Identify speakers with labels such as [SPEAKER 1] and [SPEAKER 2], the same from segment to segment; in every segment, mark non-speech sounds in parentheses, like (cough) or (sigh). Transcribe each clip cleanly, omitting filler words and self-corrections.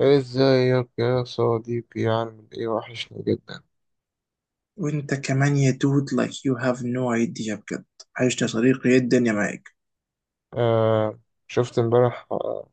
[SPEAKER 1] ازيك يا صديقي، عامل ايه؟ وحشني جدا.
[SPEAKER 2] وانت كمان يا دود، like you have no idea بجد. عشت يا صديقي، يا الدنيا معاك.
[SPEAKER 1] آه، شفت امبارح؟ آه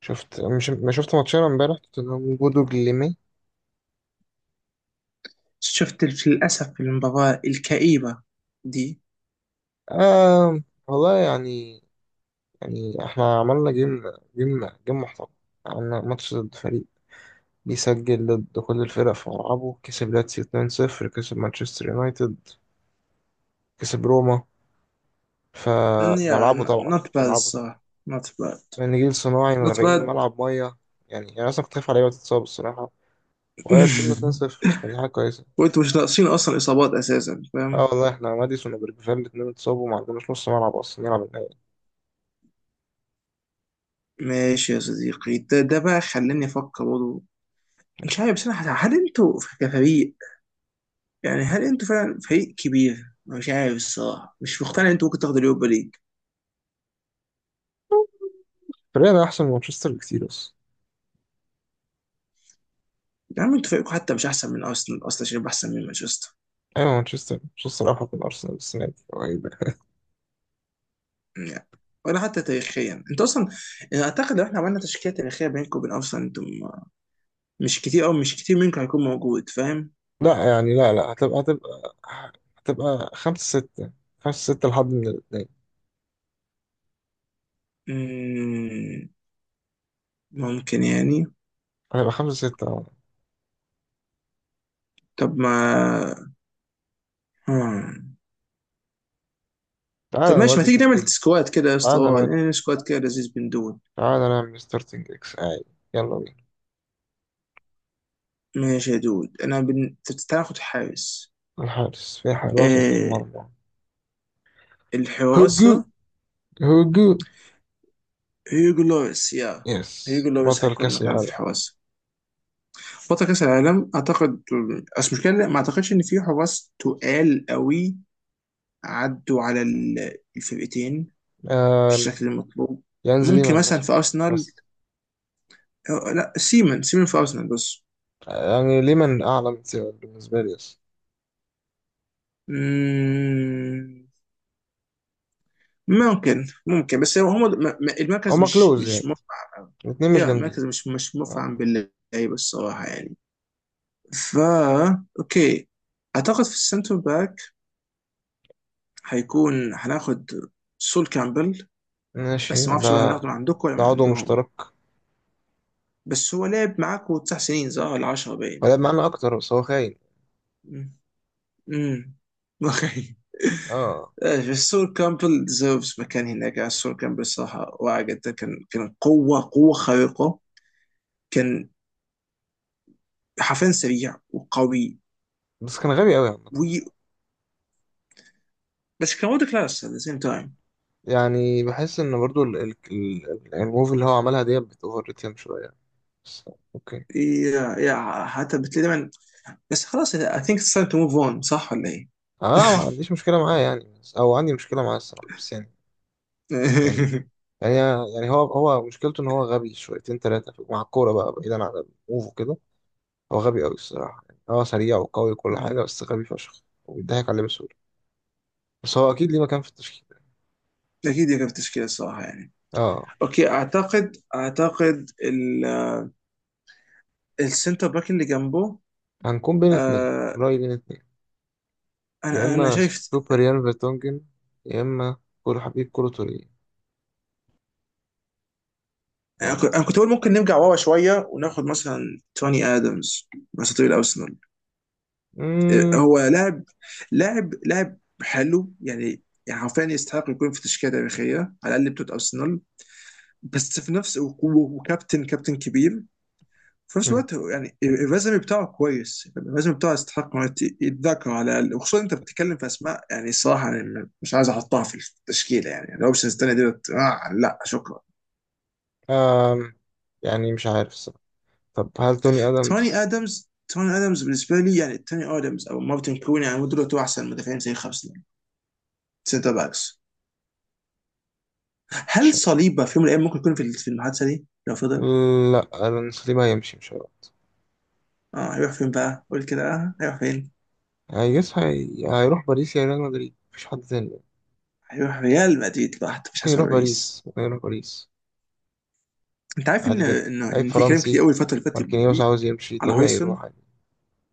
[SPEAKER 1] شفت، مش ما شفت ماتشين امبارح، توتنهام وبودو جليمي؟
[SPEAKER 2] شفت للأسف المباراة الكئيبة دي.
[SPEAKER 1] آه والله، يعني احنا عملنا جيم جيم محترم. عملنا ماتش ضد فريق بيسجل ضد كل الفرق في ملعبه، كسب لاتسيو 2-0، كسب مانشستر يونايتد، كسب روما، ف-
[SPEAKER 2] Mm,
[SPEAKER 1] في
[SPEAKER 2] yeah
[SPEAKER 1] ملعبه
[SPEAKER 2] n-
[SPEAKER 1] طبعا،
[SPEAKER 2] not
[SPEAKER 1] في
[SPEAKER 2] bad
[SPEAKER 1] ملعبه طبعا،
[SPEAKER 2] الصراحة. Not bad.
[SPEAKER 1] من جيل صناعي
[SPEAKER 2] Not
[SPEAKER 1] مغرقين
[SPEAKER 2] bad.
[SPEAKER 1] الملعب ميه. يعني اصلا كنت خايف على لعيبه تتصاب الصراحه، وهي كسبنا
[SPEAKER 2] (laughs)
[SPEAKER 1] 2-0 فدي حاجة كويسة.
[SPEAKER 2] وانتوا مش ناقصين أصلا إصابات أساسا،
[SPEAKER 1] اه
[SPEAKER 2] فاهم.
[SPEAKER 1] والله، احنا ماديسون وبرجفال الاتنين اتصابوا، ما عندناش نص ملعب اصلا نلعب النهائي.
[SPEAKER 2] ماشي يا صديقي، ده بقى خلاني افكر برضه. مش عارف بصراحه هل انتوا كفريق، يعني هل انتوا فعلا فريق كبير؟ أنا مش عارف الصراحه، مش مقتنع ان انتوا ممكن تاخدوا اليوروبا ليج.
[SPEAKER 1] فريقنا احسن من مانشستر بكتير، بس
[SPEAKER 2] يا عم انتوا فريقكم حتى مش احسن من ارسنال اصلا عشان يبقى احسن من مانشستر،
[SPEAKER 1] ايوه، مانشستر، مانشستر افضل من ارسنال السنة دي، هو ايه ده؟
[SPEAKER 2] يعني. ولا حتى تاريخيا انتوا اصلا، يعني اعتقد لو احنا عملنا تشكيله تاريخيه بينكم وبين ارسنال، انتم مش كتير، او مش كتير منكم هيكون موجود، فاهم.
[SPEAKER 1] لا يعني، لا، هتبقى هتبقى خمسة ستة، خمسة ستة، لحد من الاتنين.
[SPEAKER 2] مم، ممكن يعني.
[SPEAKER 1] هتبقى خمسة ستة، اه.
[SPEAKER 2] طب ما، آه. طب
[SPEAKER 1] تعالى
[SPEAKER 2] ماشي، ما
[SPEAKER 1] نودي
[SPEAKER 2] تيجي نعمل
[SPEAKER 1] تشكيلة.
[SPEAKER 2] سكواد كده يا اسطى؟
[SPEAKER 1] تعالى نودي.
[SPEAKER 2] نعمل سكواد كده لذيذ بن دود.
[SPEAKER 1] تعالى نعمل ستارتنج اكس عادي، يلا بينا.
[SPEAKER 2] ماشي يا دود، انا بن... تاخد حارس.
[SPEAKER 1] الحارس، في حارس وسط
[SPEAKER 2] آه،
[SPEAKER 1] المرمى. هجوم،
[SPEAKER 2] الحراسة.
[SPEAKER 1] هجوم.
[SPEAKER 2] هيجو لوريس، يا
[SPEAKER 1] يس،
[SPEAKER 2] هيجو لوريس
[SPEAKER 1] بطل
[SPEAKER 2] هيكون
[SPEAKER 1] كأس
[SPEAKER 2] مكان في
[SPEAKER 1] العالم.
[SPEAKER 2] الحراسة، بطل كأس العالم اعتقد. بس مشكلة، لا، ما اعتقدش ان في حراس تقال قوي عدوا على الفرقتين
[SPEAKER 1] آه.
[SPEAKER 2] بالشكل المطلوب.
[SPEAKER 1] يانز
[SPEAKER 2] ممكن
[SPEAKER 1] ليمان
[SPEAKER 2] مثلا
[SPEAKER 1] مثلا،
[SPEAKER 2] في ارسنال.
[SPEAKER 1] بس
[SPEAKER 2] آه، لا سيمن، سيمن في ارسنال بس.
[SPEAKER 1] يعني ليمان اعلى من سيبك بالنسبه لي، بس
[SPEAKER 2] مم. ممكن، ممكن، بس هو هم المركز
[SPEAKER 1] هما
[SPEAKER 2] مش
[SPEAKER 1] كلوز
[SPEAKER 2] مش
[SPEAKER 1] يعني،
[SPEAKER 2] مفعم. أوي.
[SPEAKER 1] الاتنين مش
[SPEAKER 2] يا
[SPEAKER 1] جامدين.
[SPEAKER 2] المركز مش
[SPEAKER 1] آه.
[SPEAKER 2] مفعم باللعيبه الصراحه، يعني. فا اوكي. اعتقد في السنتر باك هيكون هناخد سول كامبل،
[SPEAKER 1] ماشي
[SPEAKER 2] بس ما
[SPEAKER 1] ده،
[SPEAKER 2] اعرفش بقى هناخده من عندكم ولا
[SPEAKER 1] ده
[SPEAKER 2] من
[SPEAKER 1] عضو
[SPEAKER 2] عندهم.
[SPEAKER 1] مشترك،
[SPEAKER 2] بس هو لعب معاكم تسع سنين، صح ولا 10، باين.
[SPEAKER 1] ولعب معانا اكتر بس هو خاين.
[SPEAKER 2] امم. أمم. (laughs) اوكي.
[SPEAKER 1] اه،
[SPEAKER 2] آه، سول كامبل ديزيرفز مكان هناك. آه، سول كامبل صراحه واعي جدا، كان كان قوه قوه خارقه، كان حرفيا سريع وقوي
[SPEAKER 1] بس كان غبي قوي عامه.
[SPEAKER 2] و... بس كان وورد كلاس ات ذا سيم تايم.
[SPEAKER 1] يعني بحس ان برضو الموف اللي هو عملها دي بتوفر ريتم شويه، بس اوكي.
[SPEAKER 2] يا حتى بتلاقي دايما. بس خلاص، اي ثينك اتس تايم تو موف اون، صح ولا ايه؟
[SPEAKER 1] انا ما عنديش مشكله معاه يعني، بس او عندي مشكله معاه الصراحه، بس يعني
[SPEAKER 2] (laughs)
[SPEAKER 1] يعني يعني هو مشكلته ان هو غبي شويتين ثلاثه مع الكوره بقى، بعيدا عن الموف وكده. هو غبي قوي الصراحة، يعني هو سريع وقوي وكل حاجة،
[SPEAKER 2] مم.
[SPEAKER 1] بس غبي فشخ وبيضحك عليه بسهولة. بس هو أكيد ليه مكان في التشكيل.
[SPEAKER 2] اكيد يقف تشكيله الصراحه، يعني.
[SPEAKER 1] اه.
[SPEAKER 2] اوكي، اعتقد السنتر باك اللي جنبه.
[SPEAKER 1] هنكون بين اتنين،
[SPEAKER 2] آه،
[SPEAKER 1] رأيي بين اتنين: يا
[SPEAKER 2] انا
[SPEAKER 1] إما
[SPEAKER 2] شايف.
[SPEAKER 1] سوبر يان فيرتونجن، يا إما كل حبيب كولو توريه،
[SPEAKER 2] انا
[SPEAKER 1] يعني
[SPEAKER 2] كنت أنا
[SPEAKER 1] مش
[SPEAKER 2] كنت بقول
[SPEAKER 1] عارف.
[SPEAKER 2] ممكن نرجع ورا شويه وناخد مثلا توني ادمز، مثلا طويل ارسنال.
[SPEAKER 1] مم.
[SPEAKER 2] هو لاعب، لاعب حلو يعني حرفيا يستحق يكون في تشكيله تاريخيه على الاقل بتوع ارسنال. بس في نفس، وكابتن كابتن كبير في نفس
[SPEAKER 1] مم.
[SPEAKER 2] الوقت. هو يعني الريزومي بتاعه كويس، الريزومي بتاعه يستحق إنه يتذكر على الاقل، وخصوصا انت بتتكلم في اسماء يعني صراحه أنا مش عايز احطها في التشكيله، يعني الاوبشنز الثانيه ديت، آه لا شكرا.
[SPEAKER 1] آم. يعني مش عارف الصراحة. طب هل توني
[SPEAKER 2] توني
[SPEAKER 1] آدمز؟
[SPEAKER 2] ادمز توني ادمز بالنسبه لي، يعني توني ادمز او مارتن كلوني، يعني دول احسن مدافعين زي خمسه سنتر باكس.
[SPEAKER 1] مش
[SPEAKER 2] هل
[SPEAKER 1] عارف.
[SPEAKER 2] صليبه في يوم من الايام ممكن يكون في المحادثه دي لو فضل؟
[SPEAKER 1] لا، ألونسو دي ما هيمشي، مش هيروح.
[SPEAKER 2] اه، هيروح فين بقى؟ قول كده، اه هيروح فين؟
[SPEAKER 1] هيجس هي... هيروح باريس يا ريال مدريد، مفيش حد تاني.
[SPEAKER 2] هيروح ريال مدريد لوحده، مش
[SPEAKER 1] ممكن
[SPEAKER 2] هسمع
[SPEAKER 1] يروح باريس،
[SPEAKER 2] باريس.
[SPEAKER 1] ممكن يروح باريس،
[SPEAKER 2] انت عارف
[SPEAKER 1] عادي
[SPEAKER 2] ان
[SPEAKER 1] جدا،
[SPEAKER 2] ان
[SPEAKER 1] لعيب
[SPEAKER 2] ان في كلام كتير
[SPEAKER 1] فرنسي.
[SPEAKER 2] قوي الفتره اللي فاتت
[SPEAKER 1] ماركينيوس
[SPEAKER 2] دي
[SPEAKER 1] عاوز يمشي
[SPEAKER 2] على
[SPEAKER 1] طبيعي،
[SPEAKER 2] هويسون.
[SPEAKER 1] يروح عادي.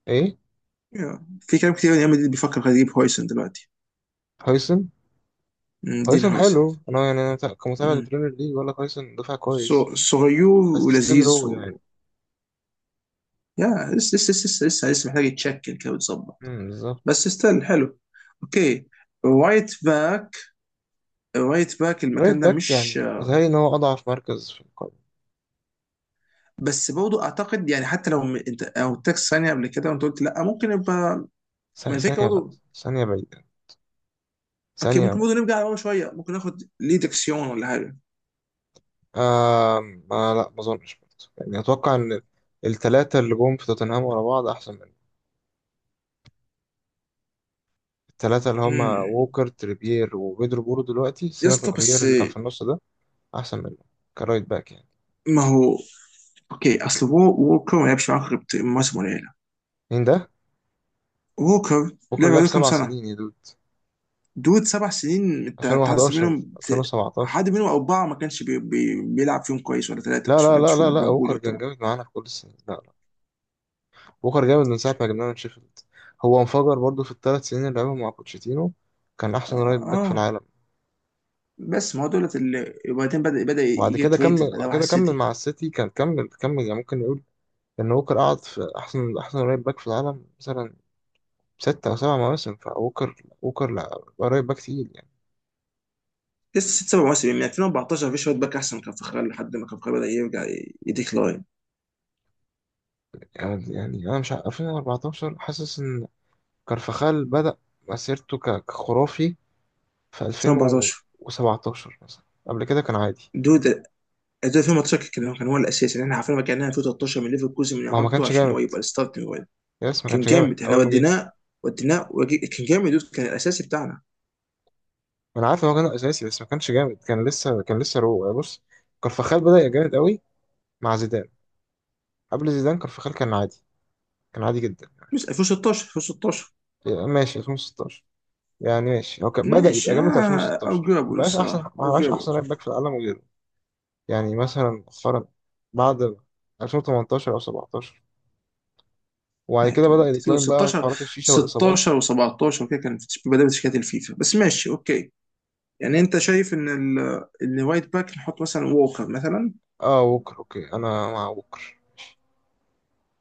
[SPEAKER 1] ايه؟
[SPEAKER 2] يا، في كلام كتير ان ريال مدريد بيفكر خلاص يجيب هويسون دلوقتي.
[SPEAKER 1] هويسن.
[SPEAKER 2] دين
[SPEAKER 1] هويسن
[SPEAKER 2] هويسون.
[SPEAKER 1] حلو، انا يعني انا كمتابع
[SPEAKER 2] مم.
[SPEAKER 1] للبريمير ليج ولا هويسن دفع كويس،
[SPEAKER 2] صغير
[SPEAKER 1] بس ستيل
[SPEAKER 2] ولذيذ
[SPEAKER 1] رو يعني.
[SPEAKER 2] و... يا لسه، لسه محتاج يتشكل كده ويتظبط،
[SPEAKER 1] امم،
[SPEAKER 2] بس
[SPEAKER 1] بالظبط.
[SPEAKER 2] ستيل حلو. اوكي، رايت باك. رايت باك المكان
[SPEAKER 1] رايت
[SPEAKER 2] ده
[SPEAKER 1] باك،
[SPEAKER 2] مش...
[SPEAKER 1] يعني بتهيألي ان هو اضعف مركز في القائمة.
[SPEAKER 2] بس برضه اعتقد يعني، حتى لو انت او تاكس ثانيه قبل كده وانت قلت لا ممكن يبقى. ما الفكره
[SPEAKER 1] ثانية لا.
[SPEAKER 2] برضه.
[SPEAKER 1] ثانية بعيدة،
[SPEAKER 2] اوكي،
[SPEAKER 1] ثانية
[SPEAKER 2] ممكن
[SPEAKER 1] بعيدة.
[SPEAKER 2] برضه نرجع ورا شويه، ممكن ناخد ليه ديكسيون ولا حاجه.
[SPEAKER 1] آم... آه، ما لا، ما اظنش برضه. يعني اتوقع ان الثلاثة اللي جم في توتنهام ورا بعض احسن منه. الثلاثة اللي هما
[SPEAKER 2] امم.
[SPEAKER 1] ووكر، تريبير، وبيدرو بورو دلوقتي،
[SPEAKER 2] يا
[SPEAKER 1] سيبك من
[SPEAKER 2] اسطى،
[SPEAKER 1] اوريير
[SPEAKER 2] بس
[SPEAKER 1] اللي كان في النص ده، احسن منه كرايت باك يعني.
[SPEAKER 2] ما هو اوكي. اصل ووكر ما لعبش معاك غير مواسم قليله.
[SPEAKER 1] مين ده؟
[SPEAKER 2] ووكر
[SPEAKER 1] بوكر
[SPEAKER 2] لعب
[SPEAKER 1] لعب
[SPEAKER 2] عليه كام
[SPEAKER 1] سبع
[SPEAKER 2] سنه؟
[SPEAKER 1] سنين يا دود،
[SPEAKER 2] دود سبع سنين، انت تحسب
[SPEAKER 1] 2011
[SPEAKER 2] منهم
[SPEAKER 1] 2017.
[SPEAKER 2] حد منهم اربعه ما كانش بي بي بيلعب فيهم كويس، ولا ثلاثه
[SPEAKER 1] لا،
[SPEAKER 2] ما
[SPEAKER 1] لا،
[SPEAKER 2] كانش
[SPEAKER 1] لا، لا،
[SPEAKER 2] فيهم
[SPEAKER 1] لا،
[SPEAKER 2] موجود
[SPEAKER 1] بوكر كان
[SPEAKER 2] يعتبر.
[SPEAKER 1] جامد معانا في كل السنين، لا، لا. بوكر جامد من ساعه ما جبناه من شيفيلد. هو انفجر برضه في الثلاث سنين اللي لعبهم مع بوتشيتينو، كان
[SPEAKER 2] اه.
[SPEAKER 1] احسن رايت باك في
[SPEAKER 2] آه.
[SPEAKER 1] العالم.
[SPEAKER 2] بس ما هو دولت اللي، وبعدين بدا
[SPEAKER 1] وبعد
[SPEAKER 2] يجي
[SPEAKER 1] كده
[SPEAKER 2] تريتد
[SPEAKER 1] كمل،
[SPEAKER 2] بعدها
[SPEAKER 1] بعد
[SPEAKER 2] واحد
[SPEAKER 1] كده كمل
[SPEAKER 2] سيتي.
[SPEAKER 1] مع السيتي، كان كمل يعني، ممكن نقول ان ووكر قعد في احسن، احسن رايت باك في العالم مثلا ستة أو سبع مواسم. فووكر، ووكر لا، رايت باك تقيل يعني.
[SPEAKER 2] لسه ست سبع مواسم من 2014 في شويه باك احسن كان فخري، لحد ما كان فخري بدا يرجع يديكلاين.
[SPEAKER 1] يعني أنا مش عارف، 2014 حاسس إن كارفاخال بدأ مسيرته كخرافي في
[SPEAKER 2] 2014،
[SPEAKER 1] 2017 مثلا، قبل كده كان عادي.
[SPEAKER 2] دود، 2018 كان هو الاساسي، يعني احنا عارفين ما كان 2013 من ليفركوزن من
[SPEAKER 1] ما هو ما
[SPEAKER 2] اعارته
[SPEAKER 1] كانش
[SPEAKER 2] عشان هو
[SPEAKER 1] جامد.
[SPEAKER 2] يبقى الستارتنج وين.
[SPEAKER 1] يس ما
[SPEAKER 2] كان
[SPEAKER 1] كانش جامد
[SPEAKER 2] جامد، احنا
[SPEAKER 1] أول ما جه.
[SPEAKER 2] وديناه، كان جامد دود، كان الاساسي بتاعنا.
[SPEAKER 1] ما أنا عارف إن هو كان أساسي بس ما كانش جامد، كان لسه، كان لسه رو يعني. بص، كارفاخال بدأ يبقى جامد قوي مع زيدان، قبل زيدان كارفاخال كان عادي، كان عادي جدا.
[SPEAKER 2] مش 2016، 2016
[SPEAKER 1] يعني ماشي 2016، يعني ماشي هو كان بدأ
[SPEAKER 2] ماشي.
[SPEAKER 1] يبقى جامد في
[SPEAKER 2] آه،
[SPEAKER 1] 2016، ما
[SPEAKER 2] اوجرابل
[SPEAKER 1] بقاش أحسن،
[SPEAKER 2] الصراحه،
[SPEAKER 1] ما بقاش
[SPEAKER 2] اوجرابل.
[SPEAKER 1] أحسن رايت باك في العالم وغيره. يعني مثلا مؤخرا بعد 2018 أو 17، وبعد
[SPEAKER 2] آه،
[SPEAKER 1] كده بدأ
[SPEAKER 2] دود
[SPEAKER 1] يديكلاين، بقى
[SPEAKER 2] 16،
[SPEAKER 1] حوارات الشيشة والإصابات.
[SPEAKER 2] 16 و17 وكده كان في بدايه شركات الفيفا، بس ماشي اوكي. يعني انت شايف ان ان وايت باك نحط مثلا ووكر مثلا.
[SPEAKER 1] اه ووكر اوكي، انا مع ووكر.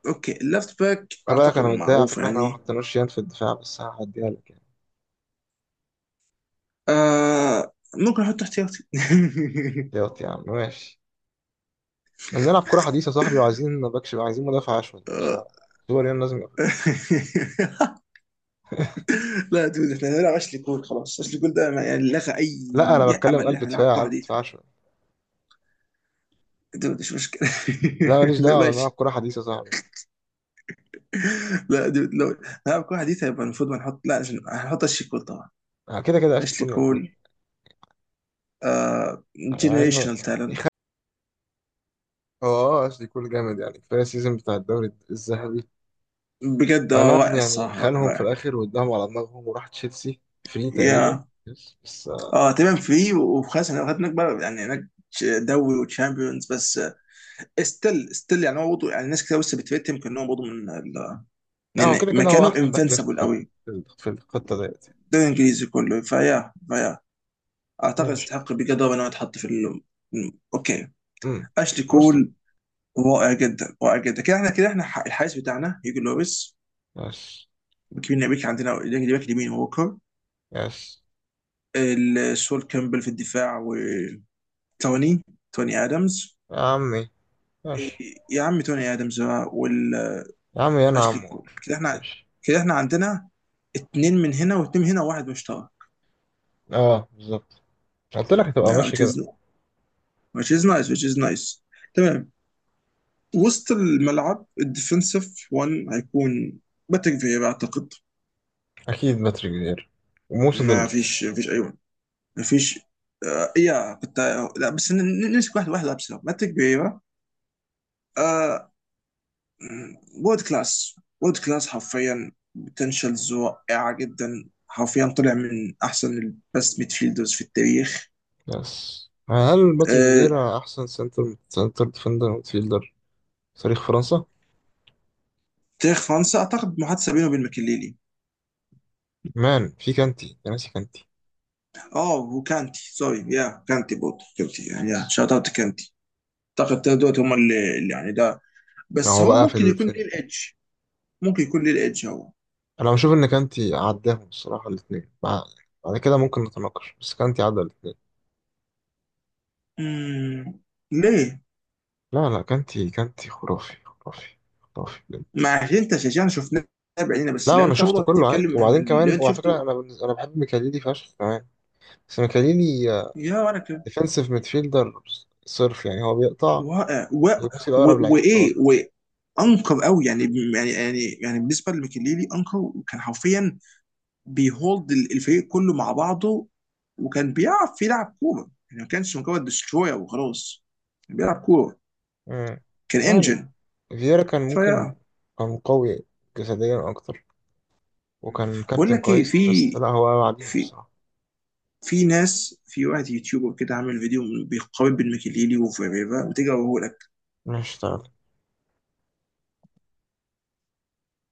[SPEAKER 2] اوكي، اللفت باك
[SPEAKER 1] خلي بالك
[SPEAKER 2] اعتقد
[SPEAKER 1] انا متضايق على
[SPEAKER 2] معروف
[SPEAKER 1] فكره احنا ما
[SPEAKER 2] يعني.
[SPEAKER 1] حطيناش يان في الدفاع، بس هعديها لك يعني.
[SPEAKER 2] آه، ممكن احط احتياطي.
[SPEAKER 1] ياض يا عم ماشي. احنا بنلعب كره حديثه يا صاحبي، وعايزين باكش، عايزين مدافع اشول،
[SPEAKER 2] (laughs)
[SPEAKER 1] ماليش
[SPEAKER 2] آه.
[SPEAKER 1] دعوه. دول يان لازم يقفل.
[SPEAKER 2] (laughs) لا دود، احنا هنلعب اشلي كول خلاص، اشلي كول ده يعني لغى اي
[SPEAKER 1] لا انا
[SPEAKER 2] امل
[SPEAKER 1] بتكلم
[SPEAKER 2] ان
[SPEAKER 1] قلب
[SPEAKER 2] احنا نلعب
[SPEAKER 1] دفاع،
[SPEAKER 2] كوره
[SPEAKER 1] قلب
[SPEAKER 2] حديثه.
[SPEAKER 1] دفاع اشول.
[SPEAKER 2] دود مش مشكله.
[SPEAKER 1] لا ماليش
[SPEAKER 2] (laughs) لا
[SPEAKER 1] دعوه، بنلعب
[SPEAKER 2] ماشي.
[SPEAKER 1] كره حديثه يا صاحبي.
[SPEAKER 2] لا دود، لو نلعب كوره حديثه يبقى المفروض ما نحط، لا عشان هنحط اشلي كول طبعا.
[SPEAKER 1] آه، كده كده اشلي
[SPEAKER 2] اشلي
[SPEAKER 1] كول موجود،
[SPEAKER 2] كول، آه
[SPEAKER 1] مع انه،
[SPEAKER 2] جنريشنال تالنت.
[SPEAKER 1] اه. آه، اشلي كول جامد يعني، كفايه السيزون بتاع الدوري الذهبي.
[SPEAKER 2] بجد، آه
[SPEAKER 1] انا
[SPEAKER 2] واقع
[SPEAKER 1] يعني
[SPEAKER 2] الصراحه، واقع
[SPEAKER 1] خانهم في
[SPEAKER 2] واقع.
[SPEAKER 1] الاخر واداهم على دماغهم وراح تشيلسي فري تقريبا،
[SPEAKER 2] يا،
[SPEAKER 1] بس
[SPEAKER 2] اه تمام، فيه وخلاص احنا هناك بقى يعني، هناك دوري وتشامبيونز بس. ستيل، ستيل يعني هو برضه، يعني ناس كتير لسه بتفتهم، كان هو برضه من
[SPEAKER 1] لا. هو
[SPEAKER 2] يعني
[SPEAKER 1] كده كده هو
[SPEAKER 2] مكانه
[SPEAKER 1] احسن باك ليفت
[SPEAKER 2] انفنسبل
[SPEAKER 1] في
[SPEAKER 2] قوي،
[SPEAKER 1] في الخطه ديت.
[SPEAKER 2] ده الانجليزي كله. فيا، فيا اعتقد
[SPEAKER 1] ماشي.
[SPEAKER 2] يستحق بجد ان هو يتحط في ال... اوكي،
[SPEAKER 1] امم.
[SPEAKER 2] اشلي
[SPEAKER 1] مسلم.
[SPEAKER 2] كول. رائع جدا، رائع جدا. كده احنا، الحارس بتاعنا هيجو لوبيس
[SPEAKER 1] يس.
[SPEAKER 2] وكيفن نبيك، عندنا الباك، اليمين ووكر،
[SPEAKER 1] يس.
[SPEAKER 2] سول كامبل في الدفاع، وتوني، ادمز.
[SPEAKER 1] يا عمي ماشي.
[SPEAKER 2] يا عم توني ادمز بقى،
[SPEAKER 1] يا عمي انا
[SPEAKER 2] اشلي
[SPEAKER 1] عمو
[SPEAKER 2] كول.
[SPEAKER 1] والله.
[SPEAKER 2] كده احنا،
[SPEAKER 1] ماشي.
[SPEAKER 2] كده احنا عندنا اتنين من هنا واتنين من هنا وواحد مشترك.
[SPEAKER 1] اه بالظبط، قلت لك هتبقى
[SPEAKER 2] Yeah,
[SPEAKER 1] ماشي
[SPEAKER 2] which is
[SPEAKER 1] كده.
[SPEAKER 2] no, which is nice, which is nice. تمام. وسط الملعب الديفنسيف 1 هيكون باتريك فيرا اعتقد.
[SPEAKER 1] اكيد باتريك فييرا وموسى
[SPEAKER 2] ما
[SPEAKER 1] ديمبلي.
[SPEAKER 2] فيش ما فيش اي ون، ما فيش. آه، إيه يا كنت. لا بس نمسك واحد واحد، لابس باتريك فيرا. آه، وورد كلاس، وورد كلاس حرفيا. بوتنشالز رائعه جدا، حرفيا طلع من احسن البست ميدفيلدرز في التاريخ.
[SPEAKER 1] يس، هل باتريك
[SPEAKER 2] آه،
[SPEAKER 1] فييرا احسن سنتر ديفندر ميدفيلدر في تاريخ فرنسا؟
[SPEAKER 2] تاريخ فرنسا اعتقد محادثه بينه وبين ماكليلي.
[SPEAKER 1] مان، في كانتي يا ناسي، كانتي.
[SPEAKER 2] اه وكانتي، سوري يا كانتي، برضه كانتي يعني،
[SPEAKER 1] يس.
[SPEAKER 2] يا شوت اوت كانتي. اعتقد التلاتة دول هم اللي، يعني ده،
[SPEAKER 1] ما
[SPEAKER 2] بس
[SPEAKER 1] هو
[SPEAKER 2] هو
[SPEAKER 1] بقى في
[SPEAKER 2] ممكن
[SPEAKER 1] ال...
[SPEAKER 2] يكون
[SPEAKER 1] في
[SPEAKER 2] ليه
[SPEAKER 1] ال...
[SPEAKER 2] الايدج. ممكن يكون ليه الايدج هو.
[SPEAKER 1] انا بشوف ان كانتي عداهم الصراحه، الاثنين بعد كده ممكن نتناقش، بس كانتي عدى الاثنين.
[SPEAKER 2] مم. ليه؟
[SPEAKER 1] لا، لا، كانتي، كانتي خرافي، خرافي، خرافي بجد.
[SPEAKER 2] ما عشان انت شجعنا، شفناه بعينينا، بس
[SPEAKER 1] لا، ما
[SPEAKER 2] لو
[SPEAKER 1] انا
[SPEAKER 2] انت
[SPEAKER 1] شفت
[SPEAKER 2] برضه
[SPEAKER 1] كله عادي،
[SPEAKER 2] هتتكلم عن
[SPEAKER 1] وبعدين كمان
[SPEAKER 2] اللي انت
[SPEAKER 1] وعلى فكره
[SPEAKER 2] شفته.
[SPEAKER 1] انا بالنسبة انا بحب ميكاليلي فشخ كمان، بس ميكاليلي
[SPEAKER 2] يا، وانا كده.
[SPEAKER 1] ديفensive ميدفيلدر صرف، يعني هو بيقطع
[SPEAKER 2] واقع و...
[SPEAKER 1] ويبصي لاقرب
[SPEAKER 2] و...
[SPEAKER 1] لعيب
[SPEAKER 2] وايه،
[SPEAKER 1] وخلاص.
[SPEAKER 2] وانكر قوي يعني بالنسبه لميكيليلي، انكر كان حرفيا بيهولد الفريق كله مع بعضه، وكان بيعرف يلعب كوره يعني، ما كانش مجرد دستروير وخلاص، كان بيلعب كوره،
[SPEAKER 1] مم.
[SPEAKER 2] كان
[SPEAKER 1] يعني
[SPEAKER 2] انجن.
[SPEAKER 1] فييرا كان ممكن،
[SPEAKER 2] فيا.
[SPEAKER 1] كان قوي جسديا اكتر، وكان
[SPEAKER 2] بقول
[SPEAKER 1] كابتن
[SPEAKER 2] لك ايه،
[SPEAKER 1] كويس، بس لا هو بعديهم
[SPEAKER 2] في
[SPEAKER 1] الصراحه.
[SPEAKER 2] في ناس، في واحد يوتيوبر كده عامل فيديو بيقارن بين ميكيليلي وفيريرا، بتيجي اقول لك.
[SPEAKER 1] مش